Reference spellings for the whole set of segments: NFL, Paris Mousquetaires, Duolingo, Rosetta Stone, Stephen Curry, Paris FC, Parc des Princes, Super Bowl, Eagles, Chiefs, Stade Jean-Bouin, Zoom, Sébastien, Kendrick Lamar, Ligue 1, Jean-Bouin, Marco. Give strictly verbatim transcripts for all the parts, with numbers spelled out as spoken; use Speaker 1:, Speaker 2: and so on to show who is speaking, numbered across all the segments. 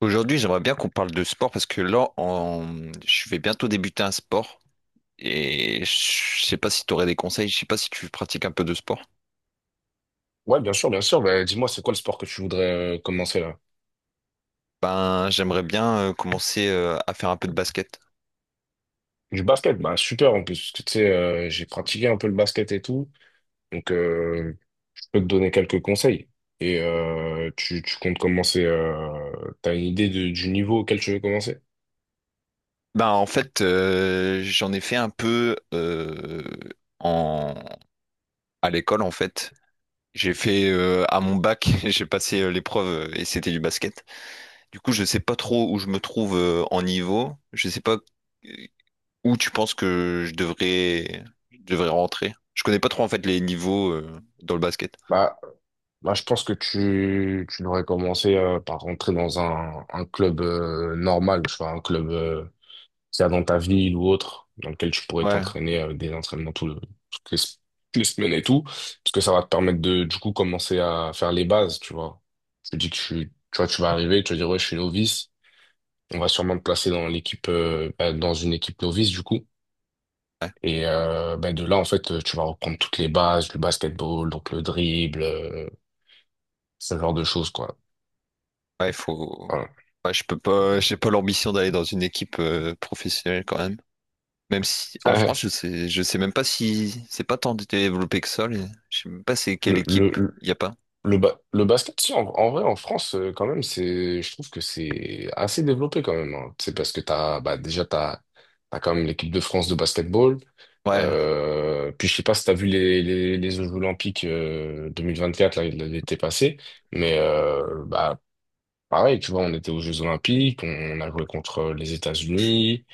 Speaker 1: Aujourd'hui, j'aimerais bien qu'on parle de sport parce que là, en- je vais bientôt débuter un sport et je sais pas si tu aurais des conseils, je sais pas si tu pratiques un peu de sport.
Speaker 2: Ouais, bien sûr, bien sûr. Bah, dis-moi, c'est quoi le sport que tu voudrais euh, commencer là?
Speaker 1: Ben, j'aimerais bien euh, commencer euh, à faire un peu de basket.
Speaker 2: Du basket, bah super en plus, parce que tu sais, euh, j'ai pratiqué un peu le basket et tout, donc euh, je peux te donner quelques conseils. Et euh, tu, tu comptes commencer. Euh, t'as une idée de- du niveau auquel tu veux commencer?
Speaker 1: Ben, en fait, euh, j'en ai fait un peu euh, en... à l'école, en fait. J'ai fait euh, à mon bac, j'ai passé euh, l'épreuve euh, et c'était du basket. Du coup, je sais pas trop où je me trouve euh, en niveau. Je sais pas où tu penses que je devrais, je devrais rentrer? Je connais pas trop en fait les niveaux euh, dans le basket.
Speaker 2: Bah, bah, je pense que tu, tu devrais commencer euh, par rentrer dans un, un club euh, normal, tu vois, un club. Euh, c'est dans ta ville ou autre, dans lequel tu pourrais
Speaker 1: Ouais,
Speaker 2: t'entraîner euh, des entraînements tout le- toutes les, s- toutes les semaines et tout, parce que ça va te permettre de, du coup, commencer à faire les bases, tu vois. Je te dis que je suis- Tu vois, tu vas arriver, tu vas dire, ouais, je suis novice, on va sûrement te placer dans l'équipe, euh, bah, dans une équipe novice, du coup.
Speaker 1: ouais,
Speaker 2: Et euh, bah, de là, en fait, euh, tu vas reprendre toutes les bases, le basketball, donc le dribble, euh, ce genre de choses, quoi.
Speaker 1: ouais, il faut.
Speaker 2: Voilà.
Speaker 1: Ouais, je peux pas, j'ai pas l'ambition d'aller dans une équipe euh, professionnelle quand même. Même si en France, je sais, je sais même pas si c'est pas tant développé que ça. les- Je sais même pas c'est quelle
Speaker 2: Le,
Speaker 1: équipe.
Speaker 2: le,
Speaker 1: Il y a pas.
Speaker 2: Le, ba- le basket, si, en, en vrai, en France, euh, quand même, c'est, je trouve que c'est assez développé quand même, hein. C'est parce que t'as, bah, déjà, t'as, t'as quand même l'équipe de France de basketball.
Speaker 1: Ouais.
Speaker 2: Euh, puis, je sais pas si t'as vu les, les, les Jeux Olympiques euh, deux mille vingt-quatre, là, l'été passé. Mais, euh, bah, pareil, tu vois, on était aux Jeux Olympiques, on, a joué contre les États-Unis,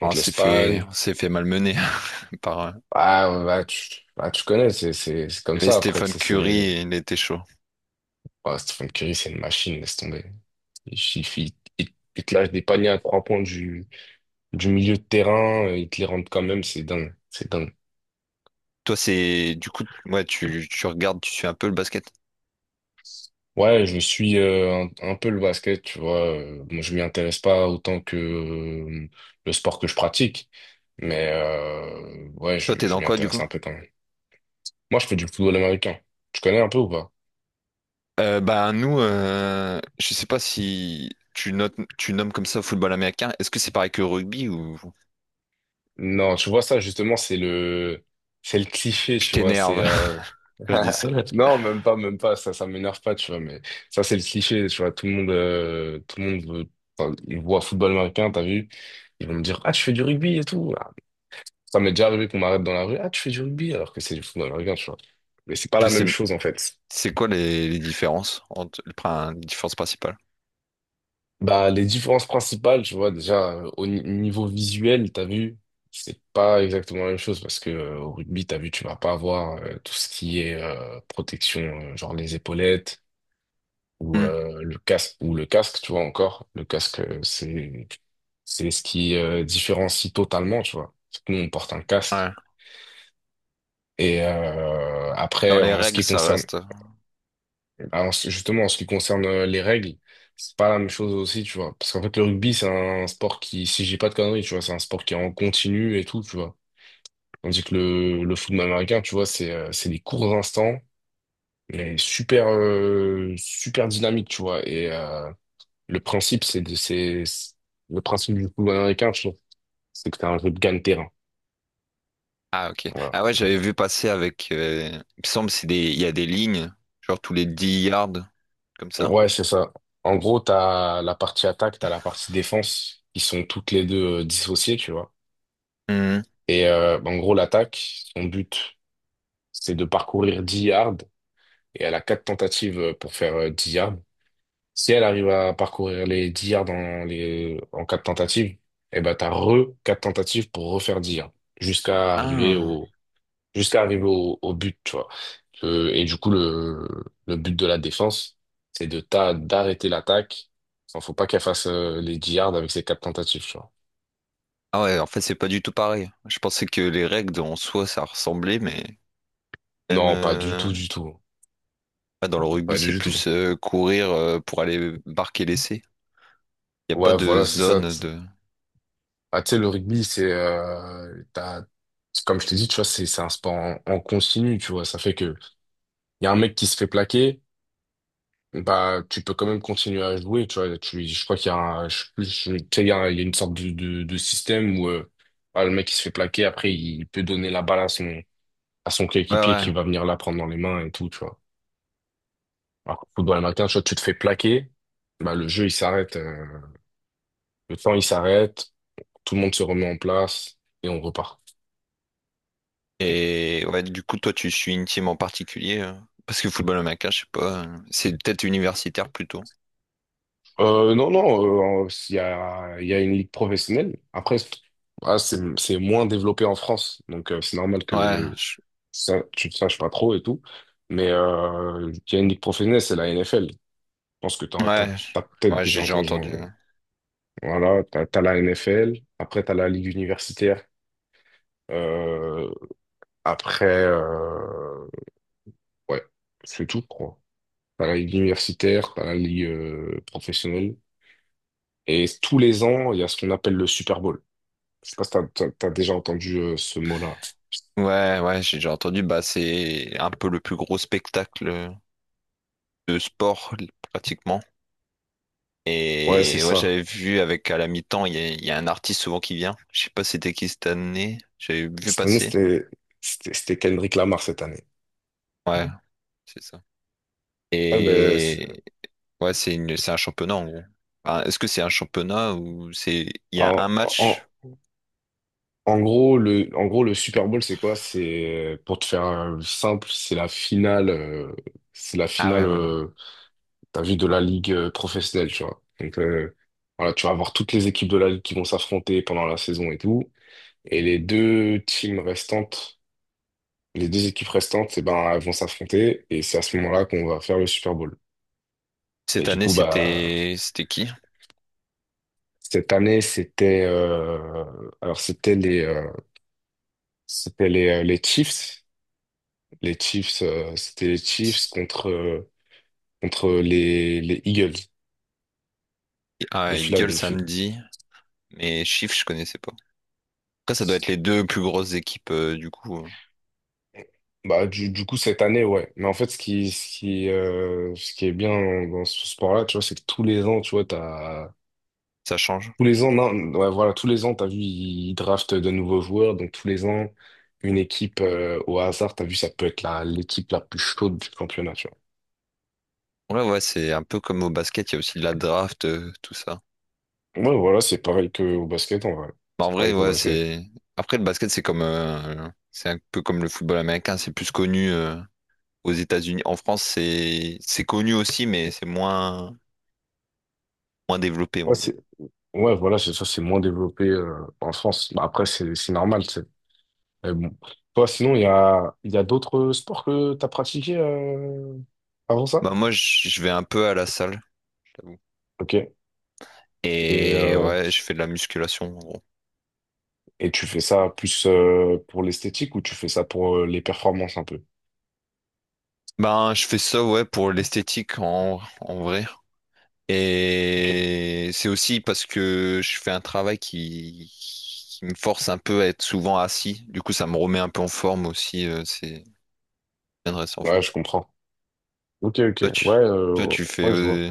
Speaker 1: Ah, on
Speaker 2: contre
Speaker 1: s'est fait,
Speaker 2: l'Espagne.
Speaker 1: on s'est fait malmener par. Euh,
Speaker 2: Ah, bah, tu, bah, tu connais, c'est, c'est, c'est
Speaker 1: Il
Speaker 2: comme
Speaker 1: y avait
Speaker 2: ça après, tu
Speaker 1: Stephen
Speaker 2: sais,
Speaker 1: Curry,
Speaker 2: c'est,
Speaker 1: et il était chaud.
Speaker 2: oh, Stephen Curry, c'est une machine, laisse tomber. Il suffit, il il te lâche des paniers à trois points du, du milieu de terrain, euh, il te les rentre quand même, c'est dingue, c'est dingue.
Speaker 1: Toi, c'est du coup, ouais, tu, tu regardes, tu suis un peu le basket.
Speaker 2: Ouais, je suis euh, un, un peu le basket, tu vois. euh, Bon, je m'y intéresse pas autant que euh, le sport que je pratique, mais euh, ouais,
Speaker 1: Toi,
Speaker 2: je,
Speaker 1: t'es
Speaker 2: je
Speaker 1: dans
Speaker 2: m'y
Speaker 1: quoi du
Speaker 2: intéresse
Speaker 1: coup?
Speaker 2: un peu quand même. Moi, je fais du football américain. Tu connais un peu ou pas?
Speaker 1: Euh, bah nous, euh, je sais pas si tu notes, tu nommes comme ça football américain. Est-ce que c'est pareil que rugby ou
Speaker 2: Non, tu vois ça justement, c'est le, c'est le cliché,
Speaker 1: je
Speaker 2: tu vois. C'est
Speaker 1: t'énerve
Speaker 2: euh,
Speaker 1: quand je dis ça?
Speaker 2: Non, même pas, même pas, ça, ça m'énerve pas, tu vois, mais ça, c'est le cliché, tu vois, tout le monde, euh, tout le monde veut, enfin, ils voient football américain, t'as vu, ils vont me dire, ah, tu fais du rugby et tout. Ah, ça m'est déjà arrivé qu'on m'arrête dans la rue, ah, tu fais du rugby, alors que c'est du football américain, tu vois. Mais c'est pas
Speaker 1: Je
Speaker 2: la
Speaker 1: sais,
Speaker 2: même chose, en fait.
Speaker 1: c'est quoi les, les différences entre le prin- les différences principales?
Speaker 2: Bah, les différences principales, tu vois, déjà, euh, au ni- niveau visuel, t'as vu, c'est pas exactement la même chose, parce que, euh, au rugby, t'as vu, tu vas pas avoir, euh, tout ce qui est, euh, protection, euh, genre les épaulettes, ou
Speaker 1: Hmm,
Speaker 2: euh, le casque ou le casque, tu vois, encore le casque, euh, c'est c'est ce qui euh, différencie totalement, tu vois. Parce que nous on porte un
Speaker 1: ouais.
Speaker 2: casque, et euh,
Speaker 1: Dans
Speaker 2: après,
Speaker 1: les
Speaker 2: en ce
Speaker 1: règles,
Speaker 2: qui
Speaker 1: ça
Speaker 2: concerne,
Speaker 1: reste.
Speaker 2: en justement en ce qui concerne euh, les règles, c'est pas la même chose aussi, tu vois, parce qu'en fait le rugby c'est un sport qui, si j'ai pas de conneries, tu vois, c'est un sport qui est en continu et tout, tu vois, tandis que le le football américain, tu vois, c'est euh, c'est des courts instants, mais super, euh, super dynamique, tu vois, et euh, le principe, c'est de, c'est, c'est- le principe du football américain, je trouve, c'est que t'as un jeu de gagne-terrain.
Speaker 1: Ah, ok.
Speaker 2: Voilà.
Speaker 1: Ah ouais, j'avais vu passer avec. Euh, il me semble c'est des, il y a des lignes, genre tous les dix yards, comme ça.
Speaker 2: Ouais, c'est ça. En gros, t'as la partie attaque, t'as la partie défense, qui sont toutes les deux euh, dissociées, tu vois.
Speaker 1: Hmm.
Speaker 2: Et euh, en gros, l'attaque, son but, c'est de parcourir dix yards, et elle a quatre tentatives euh, pour faire euh, dix yards. Si elle arrive à parcourir les dix yards en, les, en quatre tentatives, eh ben, t'as re quatre tentatives pour refaire dix yards, jusqu'à arriver
Speaker 1: Ah.
Speaker 2: au, jusqu'à arriver au, au but, tu vois. Euh, et du coup, le, le but de la défense, c'est de ta- d'arrêter l'attaque. Il faut pas qu'elle fasse euh, les yards avec ses quatre tentatives, tu vois.
Speaker 1: Ah ouais, en fait c'est pas du tout pareil. Je pensais que les règles en soi ça ressemblait, mais même.
Speaker 2: Non, pas du
Speaker 1: Euh,
Speaker 2: tout, du tout.
Speaker 1: Ah, dans le rugby,
Speaker 2: Pas
Speaker 1: c'est
Speaker 2: du tout.
Speaker 1: plus euh, courir euh, pour aller marquer l'essai. Il n'y a pas
Speaker 2: Ouais,
Speaker 1: de
Speaker 2: voilà, c'est ça.
Speaker 1: zone de...
Speaker 2: Ah, tu sais, le rugby, c'est, euh, t'as- c'est comme je t'ai dit, tu vois, c'est, c'est un sport en, en continu, tu vois. Ça fait que, il y a un mec qui se fait plaquer, bah, tu peux quand même continuer à jouer, tu vois. Tu, je crois qu'il y a un, je sais plus, je- tu sais, il y a, un- il y a une sorte de, de, de système où, euh, bah, le mec qui se fait plaquer, après, il peut donner la balle à son, à son
Speaker 1: Ouais,
Speaker 2: coéquipier
Speaker 1: ouais.
Speaker 2: qui va venir la prendre dans les mains et tout, tu vois. Alors, qu'au football américain, tu vois, tu te fais plaquer, bah, le jeu, il s'arrête, euh, le temps, il s'arrête, tout le monde se remet en place et on repart.
Speaker 1: Et ouais, du coup, toi, tu suis une team en particulier euh, parce que football américain, je sais pas. Euh, c'est peut-être universitaire plutôt.
Speaker 2: Euh, non, non, euh, il y a, il y a une ligue professionnelle. Après, c'est, ah, c'est c'est moins développé en France, donc euh, c'est normal
Speaker 1: Ouais,
Speaker 2: que
Speaker 1: je-
Speaker 2: ça, tu ne saches pas trop et tout. Mais euh, il y a une ligue professionnelle, c'est la N F L. Je pense que tu as
Speaker 1: ouais, je-
Speaker 2: peut-être
Speaker 1: ouais, j'ai
Speaker 2: déjà
Speaker 1: déjà
Speaker 2: entendu. euh,
Speaker 1: entendu.
Speaker 2: Voilà, tu as la N F L, après tu as la ligue universitaire. Euh, Après, euh, ouais, c'est tout, quoi. T'as la ligue universitaire, t'as la ligue euh, professionnelle. Et tous les ans, il y a ce qu'on appelle le Super Bowl. Je sais pas si t'as, t'as- t'as déjà entendu euh, ce mot-là.
Speaker 1: Ouais, ouais, j'ai déjà entendu. Bah, c'est un peu le plus gros spectacle euh, de sport pratiquement.
Speaker 2: Ouais, c'est
Speaker 1: Et ouais,
Speaker 2: ça.
Speaker 1: j'avais vu avec à la mi-temps, il y a, il y a un artiste souvent qui vient. Je sais pas c'était qui cette année. J'avais vu
Speaker 2: Cette année,
Speaker 1: passer.
Speaker 2: c'était, c'était, c'était Kendrick Lamar cette année.
Speaker 1: Ouais, c'est ça.
Speaker 2: Eh ben, c'est-
Speaker 1: Et ouais, c'est une, c'est un championnat en gros. Enfin, est-ce que c'est un championnat ou c'est il y
Speaker 2: en,
Speaker 1: a un
Speaker 2: en,
Speaker 1: match?
Speaker 2: en gros, le, en gros, le Super Bowl, c'est quoi? C'est, euh, pour te faire euh, simple, c'est la finale, euh, c'est la
Speaker 1: Ah
Speaker 2: finale
Speaker 1: ouais, voilà.
Speaker 2: euh, t'as vu, de la ligue euh, professionnelle, tu vois. Donc euh, voilà, tu vas avoir toutes les équipes de la ligue qui vont s'affronter pendant la saison et tout. Et les deux teams restantes, les deux équipes restantes, eh ben, elles vont s'affronter. Et c'est à ce moment-là qu'on va faire le Super Bowl. Et
Speaker 1: Cette
Speaker 2: du
Speaker 1: année,
Speaker 2: coup, bah
Speaker 1: c'était c'était qui?
Speaker 2: cette année, c'était euh, alors c'était les euh, c'était les, euh, les Chiefs. Les Chiefs, euh, c'était les Chiefs contre euh, contre les, les Eagles
Speaker 1: Ah,
Speaker 2: de
Speaker 1: il gueule
Speaker 2: Philadelphie.
Speaker 1: samedi, mais chiffre, je connaissais pas. Après, ça doit être les deux plus grosses équipes euh, du coup. euh,
Speaker 2: Bah, du, du coup, cette année, ouais. Mais en fait, ce qui, ce qui, euh, ce qui est bien dans, dans ce sport-là, tu vois, c'est que tous les ans, tu vois, t'as.
Speaker 1: Ça change.
Speaker 2: Tous les ans, non, ouais, voilà, tous les ans, t'as vu, ils draftent de nouveaux joueurs. Donc, tous les ans, une équipe, euh, au hasard, t'as vu, ça peut être la, l'équipe la plus chaude du championnat, tu
Speaker 1: Ouais, ouais, c'est un peu comme au basket, il y a aussi de la draft, euh, tout ça.
Speaker 2: vois. Ouais, voilà, c'est pareil qu'au basket, en vrai.
Speaker 1: Bah, en
Speaker 2: C'est
Speaker 1: vrai,
Speaker 2: pareil qu'au
Speaker 1: ouais,
Speaker 2: basket.
Speaker 1: c'est. Après, le basket, c'est comme, euh, c'est un peu comme le football américain, c'est plus connu euh, aux États-Unis. En France, c'est c'est connu aussi, mais c'est moins moins développé, on
Speaker 2: Ouais,
Speaker 1: va dire.
Speaker 2: c'est. Ouais, voilà, c'est ça, c'est moins développé, euh, en France. Bah, après, c'est, c'est normal, c'est. Mais bon. Toi, sinon, il y a, il y a d'autres sports que t'as pratiqués, euh, avant ça?
Speaker 1: Bah moi, je je vais un peu à la salle, j'avoue.
Speaker 2: Ok. Et,
Speaker 1: Et
Speaker 2: euh,
Speaker 1: ouais, je fais de la musculation, en gros.
Speaker 2: et tu fais ça plus euh, pour l'esthétique ou tu fais ça pour euh, les performances un peu?
Speaker 1: Ben, je fais ça, ouais, pour l'esthétique, en, en vrai.
Speaker 2: Ok.
Speaker 1: Et c'est aussi parce que je fais un travail qui, qui me force un peu à être souvent assis. Du coup, ça me remet un peu en forme aussi. Euh, c'est bien de rester en
Speaker 2: Ouais,
Speaker 1: forme.
Speaker 2: je comprends. Ok, ok.
Speaker 1: Toi, tu,
Speaker 2: Ouais,
Speaker 1: toi,
Speaker 2: euh,
Speaker 1: tu fais
Speaker 2: ouais, je vois.
Speaker 1: euh,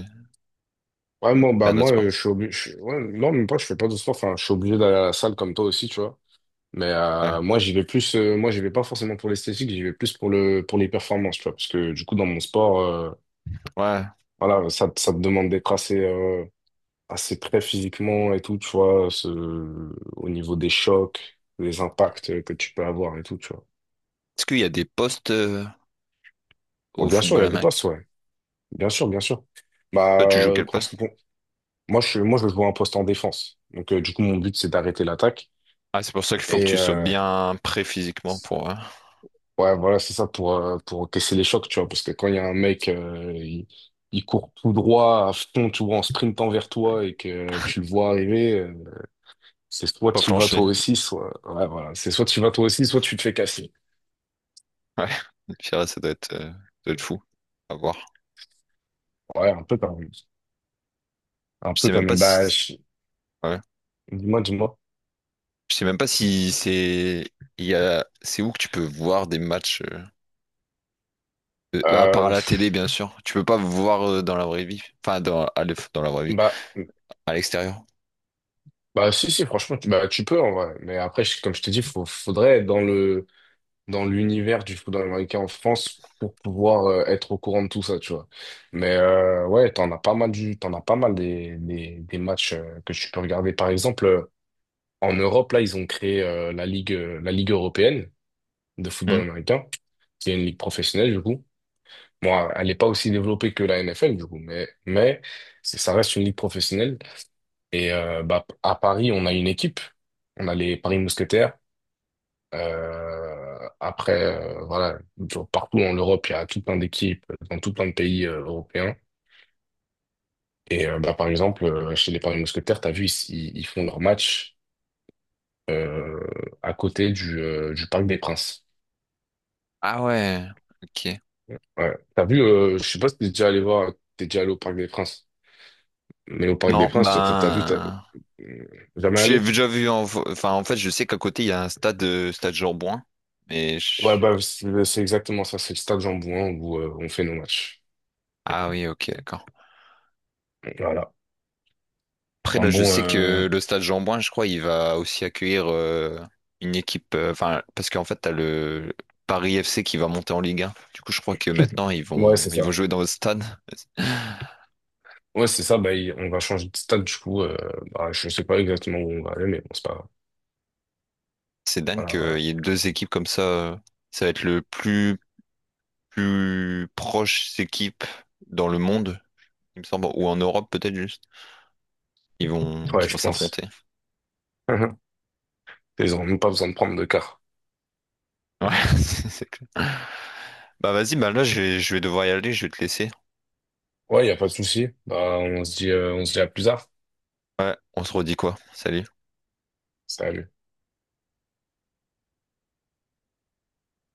Speaker 2: Ouais, moi, bah,
Speaker 1: un autre
Speaker 2: moi,
Speaker 1: sport.
Speaker 2: euh, je suis obligé. Je suis- ouais, non, même pas, je fais pas de sport. Enfin, je suis obligé d'aller à la salle comme toi aussi, tu vois. Mais
Speaker 1: Ouais.
Speaker 2: euh, moi, j'y vais plus. Euh, moi, j'y vais pas forcément pour l'esthétique, j'y vais plus pour le, pour les performances, tu vois. Parce que du coup, dans mon sport, euh,
Speaker 1: Ouais.
Speaker 2: voilà, ça, te- ça te demande d'être assez, euh, assez très physiquement et tout, tu vois, ce... au niveau des chocs, les impacts que tu peux avoir et tout, tu vois.
Speaker 1: Est-ce qu'il y a des postes euh,
Speaker 2: Bon,
Speaker 1: au
Speaker 2: bien sûr, il y
Speaker 1: football
Speaker 2: a des
Speaker 1: américain?
Speaker 2: postes, ouais. Bien sûr, bien sûr. Bah,
Speaker 1: Toi, tu joues
Speaker 2: euh,
Speaker 1: quel
Speaker 2: en ce
Speaker 1: poste?
Speaker 2: qui con- moi, je, suis- moi, je joue un poste en défense. Donc, euh, du coup, mon but, c'est d'arrêter l'attaque.
Speaker 1: Ah, c'est pour ça qu'il faut que
Speaker 2: Et
Speaker 1: tu sois
Speaker 2: euh,
Speaker 1: bien prêt physiquement pour euh,
Speaker 2: ouais, voilà, c'est ça pour, euh, pour encaisser les chocs, tu vois. Parce que quand il y a un mec, euh, il, il court tout droit à fond, tu vois, en sprintant vers toi et que tu le vois arriver, euh, c'est soit
Speaker 1: pas
Speaker 2: tu y vas
Speaker 1: flancher.
Speaker 2: toi aussi, soit. Ouais, voilà. C'est soit tu y vas toi aussi, soit tu te fais casser.
Speaker 1: Ouais. Pire, ça doit être, euh, ça doit être fou. À voir.
Speaker 2: Ouais, un peu quand même. Un
Speaker 1: Je
Speaker 2: peu
Speaker 1: sais
Speaker 2: quand
Speaker 1: même pas
Speaker 2: même. Bah,
Speaker 1: si.
Speaker 2: je-
Speaker 1: Ouais.
Speaker 2: dis-moi, dis-moi.
Speaker 1: Je sais même pas si c'est. Il y a. C'est où que tu peux voir des matchs euh, euh, bah, à part à
Speaker 2: Euh,
Speaker 1: la télé,
Speaker 2: pff,
Speaker 1: bien sûr. Tu peux pas voir euh, dans la vraie vie. Enfin, dans, à l'eff- dans la vraie vie.
Speaker 2: bah,
Speaker 1: À l'extérieur.
Speaker 2: bah, si, si, franchement, tu, bah, tu peux, en vrai. Mais après, je- comme je te dis, faut, faudrait être dans le, dans l'univers du football américain en France pour pouvoir euh, être au courant de tout ça, tu vois. Mais euh, ouais, t'en as pas mal du, t'en as pas mal des, des, des matchs euh, que tu peux regarder. Par exemple, euh, en Europe, là, ils ont créé euh, la Ligue, euh, la Ligue européenne de
Speaker 1: Hmm.
Speaker 2: football américain, qui est une ligue professionnelle, du coup. Bon, elle n'est pas aussi développée que la N F L, du coup, mais, mais c'est- ça reste une ligue professionnelle. Et euh, bah, à Paris, on a une équipe. On a les Paris Mousquetaires. Euh, après, euh, voilà, genre partout en Europe, il y a tout plein d'équipes, euh, dans tout plein de pays euh, européens. Et euh, bah, par exemple, euh, chez les Paris Mousquetaires, t'as vu, ils, ils- ils font leur match euh, à côté du, euh, du Parc des Princes.
Speaker 1: Ah ouais. Ok.
Speaker 2: Ouais. Tu vu, euh, je sais pas si t'es déjà allé voir, t'es déjà allé au Parc des Princes. Mais au Parc des
Speaker 1: Non,
Speaker 2: Princes, t'as as, vu, t'as-
Speaker 1: ben.
Speaker 2: euh, jamais
Speaker 1: J'ai
Speaker 2: allé?
Speaker 1: déjà vu en... Enfin, en fait, je sais qu'à côté, il y a un stade, euh, stade Jean-Bouin. Mais
Speaker 2: Ouais,
Speaker 1: je-
Speaker 2: bah, c'est c'est exactement ça. C'est le stade Jean-Bouin où euh, on fait nos matchs.
Speaker 1: Ah oui, ok, d'accord.
Speaker 2: Voilà.
Speaker 1: Après,
Speaker 2: Enfin
Speaker 1: là,
Speaker 2: bon,
Speaker 1: je sais
Speaker 2: euh,
Speaker 1: que le stade Jean-Bouin, je crois, il va aussi accueillir euh, une équipe... euh, Enfin, parce qu'en fait, t'as le Paris F C qui va monter en Ligue un. Du coup, je crois que maintenant, ils
Speaker 2: ouais,
Speaker 1: vont,
Speaker 2: c'est
Speaker 1: ils
Speaker 2: ça.
Speaker 1: vont jouer dans le stade.
Speaker 2: Ouais, c'est ça. Bah, il- on va changer de stade, du coup. Euh, bah, je sais pas exactement où on va aller, mais bon, c'est pas grave.
Speaker 1: C'est dingue
Speaker 2: Voilà,
Speaker 1: qu'il
Speaker 2: voilà.
Speaker 1: y ait deux équipes comme ça. euh, Ça va être le plus, plus proche équipe dans le monde, il me semble, ou en Europe peut-être juste. Ils vont, qui
Speaker 2: Ouais,
Speaker 1: vont
Speaker 2: je pense.
Speaker 1: s'affronter.
Speaker 2: Ils ont même pas besoin de prendre de car.
Speaker 1: Ouais, c'est clair. Bah vas-y, bah là je vais, je vais devoir y aller, je vais te laisser.
Speaker 2: Ouais, y a pas de souci. Bah, on se dit, euh, on se dit à plus tard.
Speaker 1: Ouais, on se redit quoi? Salut.
Speaker 2: Salut.